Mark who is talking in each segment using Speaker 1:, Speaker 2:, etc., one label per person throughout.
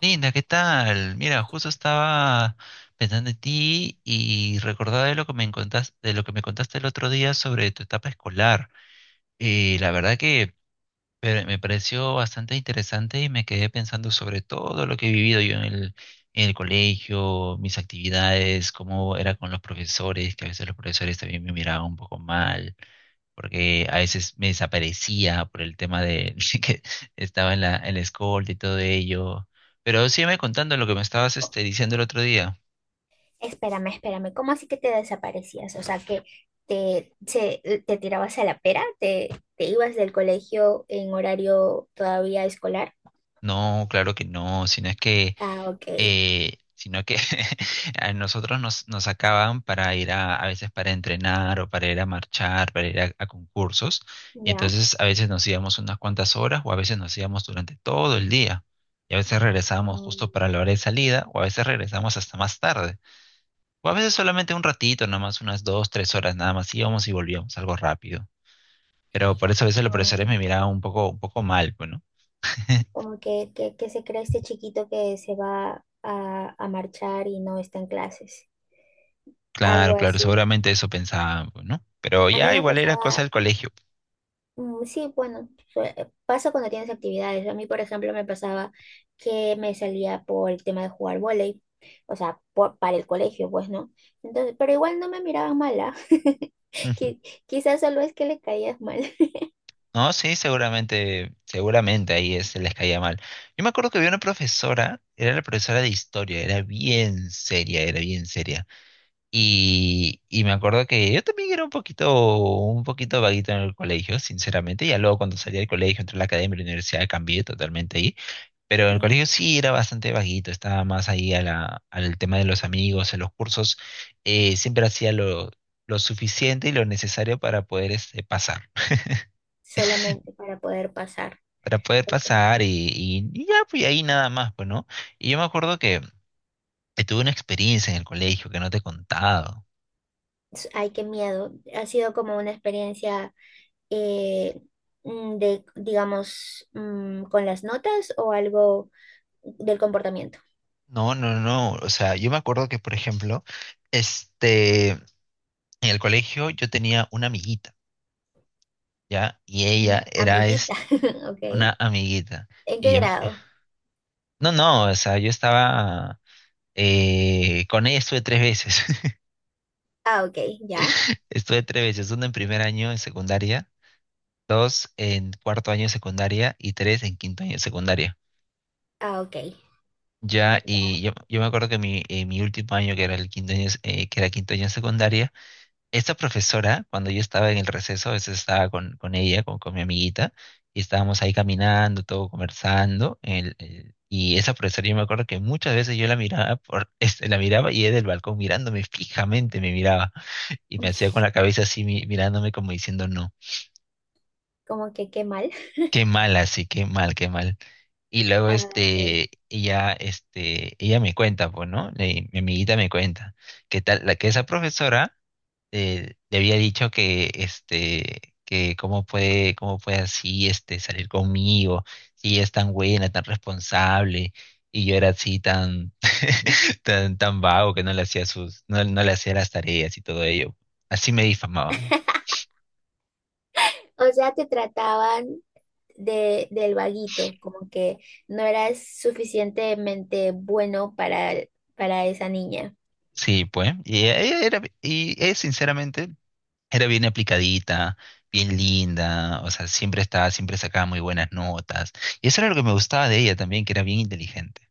Speaker 1: Linda, ¿qué tal? Mira, justo estaba pensando en ti y recordaba de lo que me contaste, el otro día sobre tu etapa escolar. Y la verdad que me pareció bastante interesante y me quedé pensando sobre todo lo que he vivido yo en el colegio, mis actividades, cómo era con los profesores, que a veces los profesores también me miraban un poco mal porque a veces me desaparecía por el tema de que estaba en la escolta y todo ello. Pero sígueme contando lo que me estabas diciendo el otro día.
Speaker 2: Espérame, espérame, ¿cómo así que te desaparecías? O sea, que te, te tirabas a la pera, te ibas del colegio en horario todavía escolar.
Speaker 1: No, claro que no,
Speaker 2: Ah, ok,
Speaker 1: sino que a nosotros nos sacaban para ir a veces para entrenar o para ir a marchar, para ir a concursos. Y
Speaker 2: ya.
Speaker 1: entonces a veces nos íbamos unas cuantas horas o a veces nos íbamos durante todo el día. Y a veces regresábamos
Speaker 2: Mm,
Speaker 1: justo para la hora de salida o a veces regresábamos hasta más tarde. O a veces solamente un ratito, nomás unas 2, 3 horas nada más, íbamos y volvíamos, algo rápido. Pero por eso a veces los
Speaker 2: ah,
Speaker 1: profesores me
Speaker 2: ok.
Speaker 1: miraban un poco mal, pues, ¿no?
Speaker 2: Como que, que se cree este chiquito que se va a marchar y no está en clases.
Speaker 1: Claro,
Speaker 2: Algo
Speaker 1: claro,
Speaker 2: así.
Speaker 1: seguramente eso pensaban, pues, ¿no? Pero
Speaker 2: A mí
Speaker 1: ya
Speaker 2: me
Speaker 1: igual era cosa
Speaker 2: pasaba.
Speaker 1: del colegio.
Speaker 2: Mm, sí, bueno, sue- pasa cuando tienes actividades. A mí, por ejemplo, me pasaba que me salía por el tema de jugar vóley, o sea, para el colegio, pues, ¿no? Entonces, pero igual no me miraban mala.
Speaker 1: Ujú.
Speaker 2: Qui- Quizás solo es que le caías mal.
Speaker 1: No, sí, seguramente, seguramente ahí se les caía mal. Yo me acuerdo que había una profesora, era la profesora de historia, era bien seria, era bien seria. Y me acuerdo que yo también era un poquito vaguito en el colegio, sinceramente. Ya luego cuando salí del colegio, entré a la academia y la universidad, cambié totalmente ahí. Pero en el
Speaker 2: Mm,
Speaker 1: colegio sí era bastante vaguito, estaba más ahí al tema de los amigos, en los cursos. Siempre hacía lo suficiente y lo necesario para poder pasar,
Speaker 2: solamente para poder pasar.
Speaker 1: para poder
Speaker 2: Ok.
Speaker 1: pasar y ya, pues ahí nada más, pues, ¿no? Y yo me acuerdo que tuve una experiencia en el colegio que no te he contado.
Speaker 2: Ay, qué miedo. Ha sido como una experiencia eh, de, digamos, con las notas o algo del comportamiento.
Speaker 1: No, no, no. O sea, yo me acuerdo que, por ejemplo, en el colegio yo tenía una amiguita, ¿ya? Y
Speaker 2: Mm,
Speaker 1: ella era
Speaker 2: amiguita,
Speaker 1: es
Speaker 2: ok.
Speaker 1: una amiguita.
Speaker 2: ¿En qué
Speaker 1: Y yo,
Speaker 2: grado?
Speaker 1: no, no, o sea, yo estaba, con ella estuve tres veces.
Speaker 2: Ah, ok, ya.
Speaker 1: Estuve tres veces, una en primer año en secundaria, dos en cuarto año de secundaria y tres en quinto año de secundaria.
Speaker 2: Ah, ok.
Speaker 1: Ya, y yo me acuerdo que mi último año, que era el quinto año, que era quinto año de secundaria, esta profesora, cuando yo estaba en el receso, a veces estaba con ella, con mi amiguita, y estábamos ahí caminando, todo conversando, y esa profesora yo me acuerdo que muchas veces yo la miraba, la miraba y ella del balcón mirándome fijamente me miraba, y me hacía con la cabeza así mirándome como diciendo no,
Speaker 2: Como que qué mal.
Speaker 1: qué mal así, qué mal, qué mal. Y luego
Speaker 2: Ah, ok.
Speaker 1: ella me cuenta, pues, ¿no? Mi amiguita me cuenta que tal, la que esa profesora le había dicho que que cómo puede así salir conmigo si ella es tan buena, tan responsable, y yo era así tan tan vago, que no le hacía sus no, no le hacía las tareas y todo ello. Así me difamaban.
Speaker 2: O sea, te trataban de, del vaguito, como que no eras suficientemente bueno para esa niña.
Speaker 1: Sí, pues. Y ella, sinceramente, era bien aplicadita, bien linda. O sea, siempre estaba, siempre sacaba muy buenas notas, y eso era lo que me gustaba de ella también, que era bien inteligente.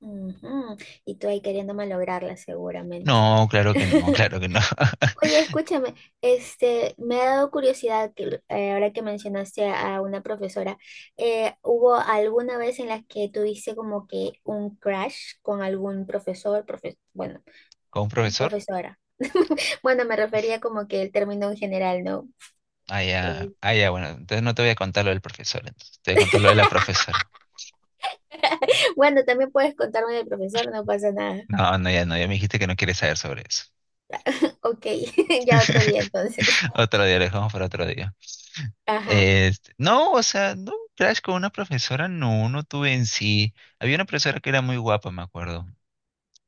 Speaker 2: Ujú. Y tú ahí queriendo malograrla seguramente.
Speaker 1: No, claro que no, claro que no.
Speaker 2: Oye, escúchame, este, me ha dado curiosidad que ahora que mencionaste a una profesora, ¿hubo alguna vez en la que tuviste como que un crush con algún profesor, bueno,
Speaker 1: ¿Con un profesor?
Speaker 2: profesora? Bueno, me refería como que el término en general, ¿no?
Speaker 1: Ah, ya,
Speaker 2: Eh,
Speaker 1: ah, ya, bueno, entonces no te voy a contar lo del profesor, entonces te voy a contar lo de la profesora.
Speaker 2: bueno, también puedes contarme del profesor, no pasa nada.
Speaker 1: No, no, ya no, ya me dijiste que no quieres saber sobre eso.
Speaker 2: Ok, ya otro día entonces.
Speaker 1: Otro día, lo dejamos para otro día.
Speaker 2: Ajá.
Speaker 1: No, o sea, no, crash con una profesora, no, no tuve en sí. Había una profesora que era muy guapa, me acuerdo.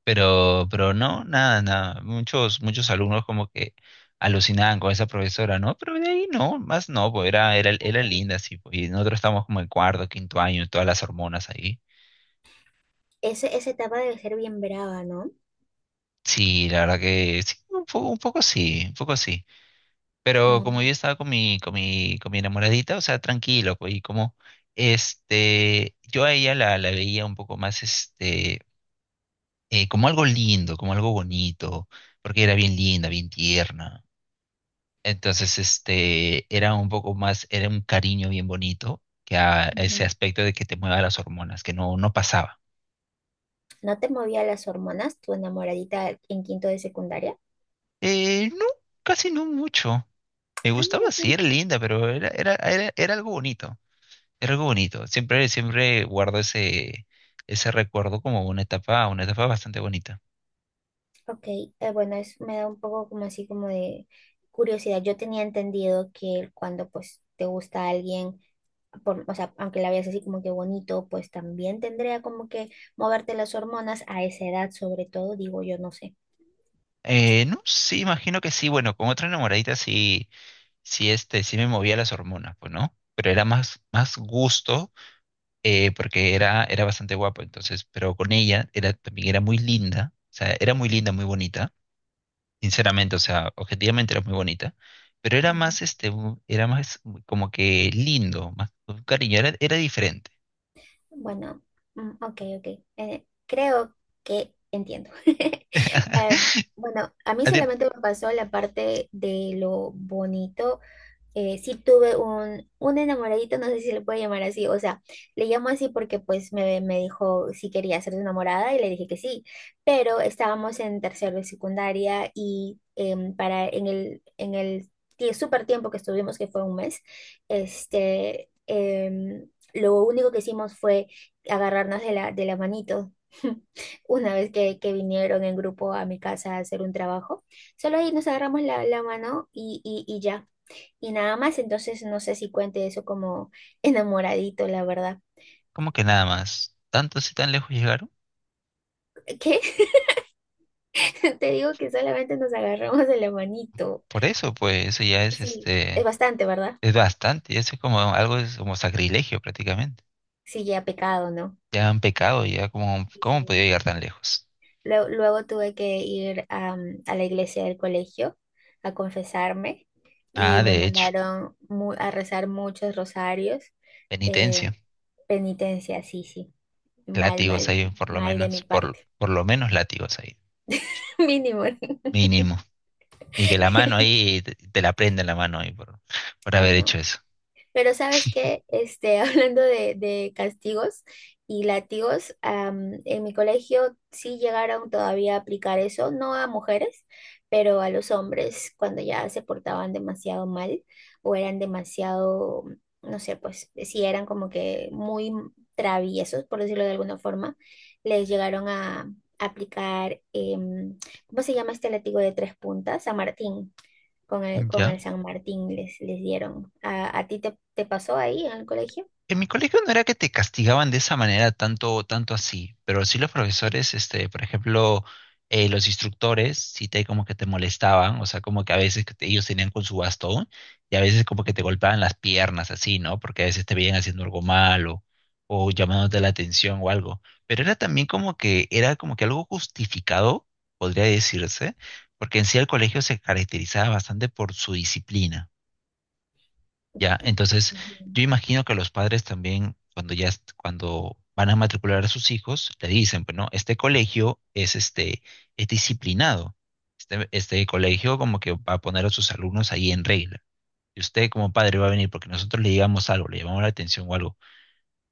Speaker 1: Pero no, nada, nada. Muchos, muchos alumnos como que alucinaban con esa profesora, ¿no? Pero de ahí no, más no, pues era
Speaker 2: Ok.
Speaker 1: linda, sí, pues. Y nosotros estábamos como en cuarto, quinto año, todas las hormonas ahí.
Speaker 2: Esa etapa debe ser bien brava, ¿no?
Speaker 1: Sí, la verdad que sí, un poco sí, un poco sí. Pero como yo
Speaker 2: Mm.
Speaker 1: estaba con mi enamoradita, o sea, tranquilo, pues, y como, yo a ella la veía un poco más, como algo lindo, como algo bonito, porque era bien linda, bien tierna. Entonces, era un poco más, era un cariño bien bonito, que a ese
Speaker 2: Ujú.
Speaker 1: aspecto de que te mueva las hormonas, que no, no pasaba.
Speaker 2: ¿No te movía las hormonas tu enamoradita en quinto de secundaria?
Speaker 1: No, casi no mucho. Me
Speaker 2: Ah, mira
Speaker 1: gustaba, sí,
Speaker 2: tú.
Speaker 1: era linda, pero era algo bonito, era algo bonito. Siempre, siempre guardo ese recuerdo como una etapa bastante bonita.
Speaker 2: Ok, bueno, es, me da un poco como así como de curiosidad. Yo tenía entendido que cuando pues te gusta alguien, por, o sea, aunque la veas así como que bonito, pues también tendría como que moverte las hormonas a esa edad, sobre todo, digo yo, no sé.
Speaker 1: No, sí, imagino que sí, bueno, con otra enamoradita sí, sí, sí me movía las hormonas, pues, ¿no? Pero era más, más gusto, porque era bastante guapo, entonces, pero con ella era, también era muy linda, o sea, era muy linda, muy bonita, sinceramente, o sea, objetivamente era muy bonita, pero era
Speaker 2: Ujú.
Speaker 1: más, era más como que lindo, más con cariño, era diferente.
Speaker 2: Bueno, ok, ok. Creo que entiendo. Bueno, a mí
Speaker 1: A ti-
Speaker 2: solamente me pasó la parte de lo bonito. Sí tuve un enamoradito, no sé si se le puede llamar así, o sea, le llamo así porque pues me dijo si quería ser su enamorada y le dije que sí, pero estábamos en tercero de secundaria y para en el súper tiempo que estuvimos, que fue un mes, este, lo único que hicimos fue agarrarnos de la manito. Una vez que vinieron en grupo a mi casa a hacer un trabajo, solo ahí nos agarramos la, la mano y ya y nada más, entonces no sé si cuente eso como enamoradito, la verdad.
Speaker 1: Como que nada más, tantos y tan lejos llegaron,
Speaker 2: ¿Qué? Te digo que solamente nos agarramos de la manito.
Speaker 1: por eso, pues, eso ya es,
Speaker 2: Sí, es bastante, ¿verdad?
Speaker 1: es bastante, eso es como algo, es como sacrilegio prácticamente,
Speaker 2: Sí, ya pecado, ¿no?
Speaker 1: ya han pecado, ya como,
Speaker 2: Sí,
Speaker 1: ¿cómo
Speaker 2: sí.
Speaker 1: han podido llegar tan lejos?
Speaker 2: Luego, luego tuve que ir a la iglesia del colegio a confesarme
Speaker 1: Ah,
Speaker 2: y me
Speaker 1: de hecho,
Speaker 2: mandaron a rezar muchos rosarios. eh,
Speaker 1: penitencia.
Speaker 2: penitencia, sí, sí. Mal,
Speaker 1: Látigos
Speaker 2: mal,
Speaker 1: hay por lo
Speaker 2: mal de mi
Speaker 1: menos,
Speaker 2: parte.
Speaker 1: por lo menos látigos hay,
Speaker 2: Mínimo.
Speaker 1: mínimo. Y que la mano ahí, te la prenda la mano ahí por
Speaker 2: Ay,
Speaker 1: haber hecho
Speaker 2: no.
Speaker 1: eso.
Speaker 2: Pero ¿sabes qué? Este, hablando de castigos y látigos, en mi colegio sí llegaron todavía a aplicar eso, no a mujeres, pero a los hombres cuando ya se portaban demasiado mal o eran demasiado, no sé, pues si eran como que muy traviesos, por decirlo de alguna forma, les llegaron a aplicar, ¿cómo se llama este látigo de tres puntas? San Martín con
Speaker 1: ¿Ya?
Speaker 2: el San Martín les, les dieron. A ti te, te pasó ahí en el colegio?
Speaker 1: En mi colegio no era que te castigaban de esa manera tanto, tanto así, pero sí los profesores, por ejemplo, los instructores, sí te como que te molestaban, o sea, como que a veces que ellos tenían con su bastón y a veces como que te golpeaban las piernas así, ¿no? Porque a veces te veían haciendo algo malo o llamándote la atención o algo. Pero era también como que, era como que algo justificado, podría decirse, porque en sí el colegio se caracterizaba bastante por su disciplina. Ya, entonces
Speaker 2: Ujú.
Speaker 1: yo imagino que los padres también, cuando ya, cuando van a matricular a sus hijos, le dicen, pues no, este colegio es es disciplinado. Este colegio como que va a poner a sus alumnos ahí en regla. Y usted como padre va a venir porque nosotros le digamos algo, le llamamos la atención o algo.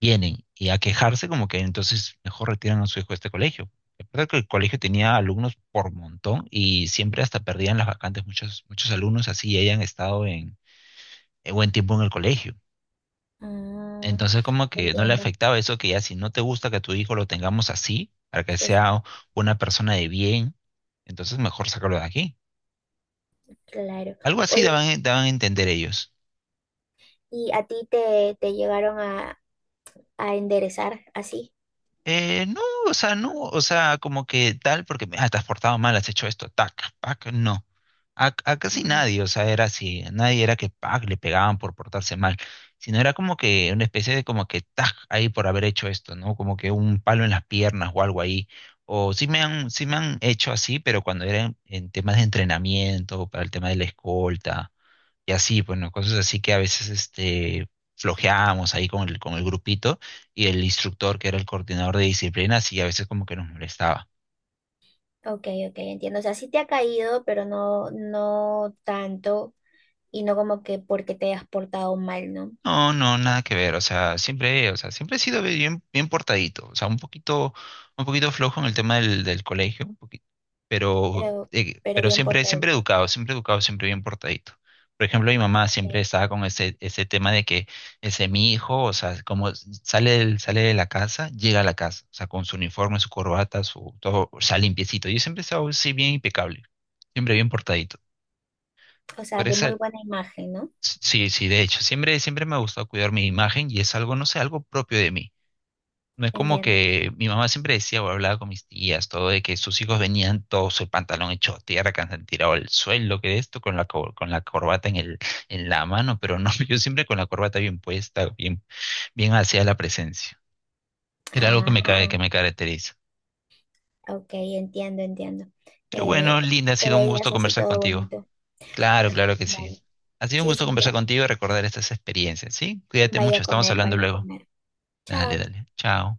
Speaker 1: Vienen y a quejarse como que entonces mejor retiran a su hijo de este colegio. La verdad que el colegio tenía alumnos por montón y siempre hasta perdían las vacantes muchos, muchos alumnos así hayan estado en buen tiempo en el colegio.
Speaker 2: Ah,
Speaker 1: Entonces como que no le
Speaker 2: entiendo,
Speaker 1: afectaba eso que ya si no te gusta que tu hijo lo tengamos así, para que
Speaker 2: que es
Speaker 1: sea una persona de bien, entonces mejor sacarlo de aquí.
Speaker 2: claro.
Speaker 1: Algo así
Speaker 2: Oye,
Speaker 1: daban a entender ellos.
Speaker 2: ¿y a ti te, te llegaron a enderezar así?
Speaker 1: No, o sea, no, o sea, como que tal, porque ah, te has portado mal, has hecho esto, tac, pac, no. A casi
Speaker 2: Ujú.
Speaker 1: nadie, o sea, era así, nadie era que pac, le pegaban por portarse mal, sino era como que una especie de como que tac, ahí por haber hecho esto, ¿no? Como que un palo en las piernas o algo ahí. O sí me han hecho así, pero cuando era en temas de entrenamiento, para el tema de la escolta y así, bueno, cosas así que a veces flojeábamos ahí con el grupito y el instructor, que era el coordinador de disciplina, sí, a veces como que nos molestaba.
Speaker 2: Ok, ok, entiendo. O sea, sí te ha caído, pero no, no tanto y no como que porque te has portado mal, ¿no?
Speaker 1: No, no, nada que ver, o sea, siempre he sido bien, bien portadito, o sea, un poquito flojo en el tema del colegio, un poquito,
Speaker 2: Pero, pero
Speaker 1: pero
Speaker 2: bien
Speaker 1: siempre, siempre
Speaker 2: portadito.
Speaker 1: educado, siempre educado, siempre bien portadito. Por ejemplo, mi mamá
Speaker 2: Ok.
Speaker 1: siempre estaba con ese tema de que ese mi hijo, o sea, como sale, sale de la casa, llega a la casa, o sea, con su uniforme, su corbata, su todo, o sea, limpiecito. Yo siempre he estado así bien impecable, siempre bien portadito.
Speaker 2: O sea,
Speaker 1: Pero
Speaker 2: de
Speaker 1: esa
Speaker 2: muy buena imagen, ¿no?
Speaker 1: Sí, sí, de hecho, siempre, siempre me ha gustado cuidar mi imagen y es algo, no sé, algo propio de mí. No es como
Speaker 2: Entiendo.
Speaker 1: que mi mamá siempre decía o hablaba con mis tías, todo de que sus hijos venían todos el pantalón hecho tierra, que han tirado al suelo, que esto, con la corbata en la mano, pero no, yo siempre con la corbata bien puesta, bien, bien hacia la presencia. Era algo
Speaker 2: Ajá.
Speaker 1: que me caracteriza.
Speaker 2: Ok, entiendo, entiendo.
Speaker 1: Pero
Speaker 2: Eh,
Speaker 1: bueno, Linda, ha
Speaker 2: te
Speaker 1: sido un gusto
Speaker 2: veías así
Speaker 1: conversar
Speaker 2: todo
Speaker 1: contigo.
Speaker 2: bonito.
Speaker 1: Claro, claro que sí.
Speaker 2: Vale.
Speaker 1: Ha sido un
Speaker 2: Sí,
Speaker 1: gusto
Speaker 2: sí,
Speaker 1: conversar
Speaker 2: ya.
Speaker 1: contigo y recordar estas experiencias, ¿sí? Cuídate
Speaker 2: Vaya
Speaker 1: mucho,
Speaker 2: a
Speaker 1: estamos
Speaker 2: comer,
Speaker 1: hablando
Speaker 2: vaya a
Speaker 1: luego.
Speaker 2: comer.
Speaker 1: Dale,
Speaker 2: Chao.
Speaker 1: dale. Chao.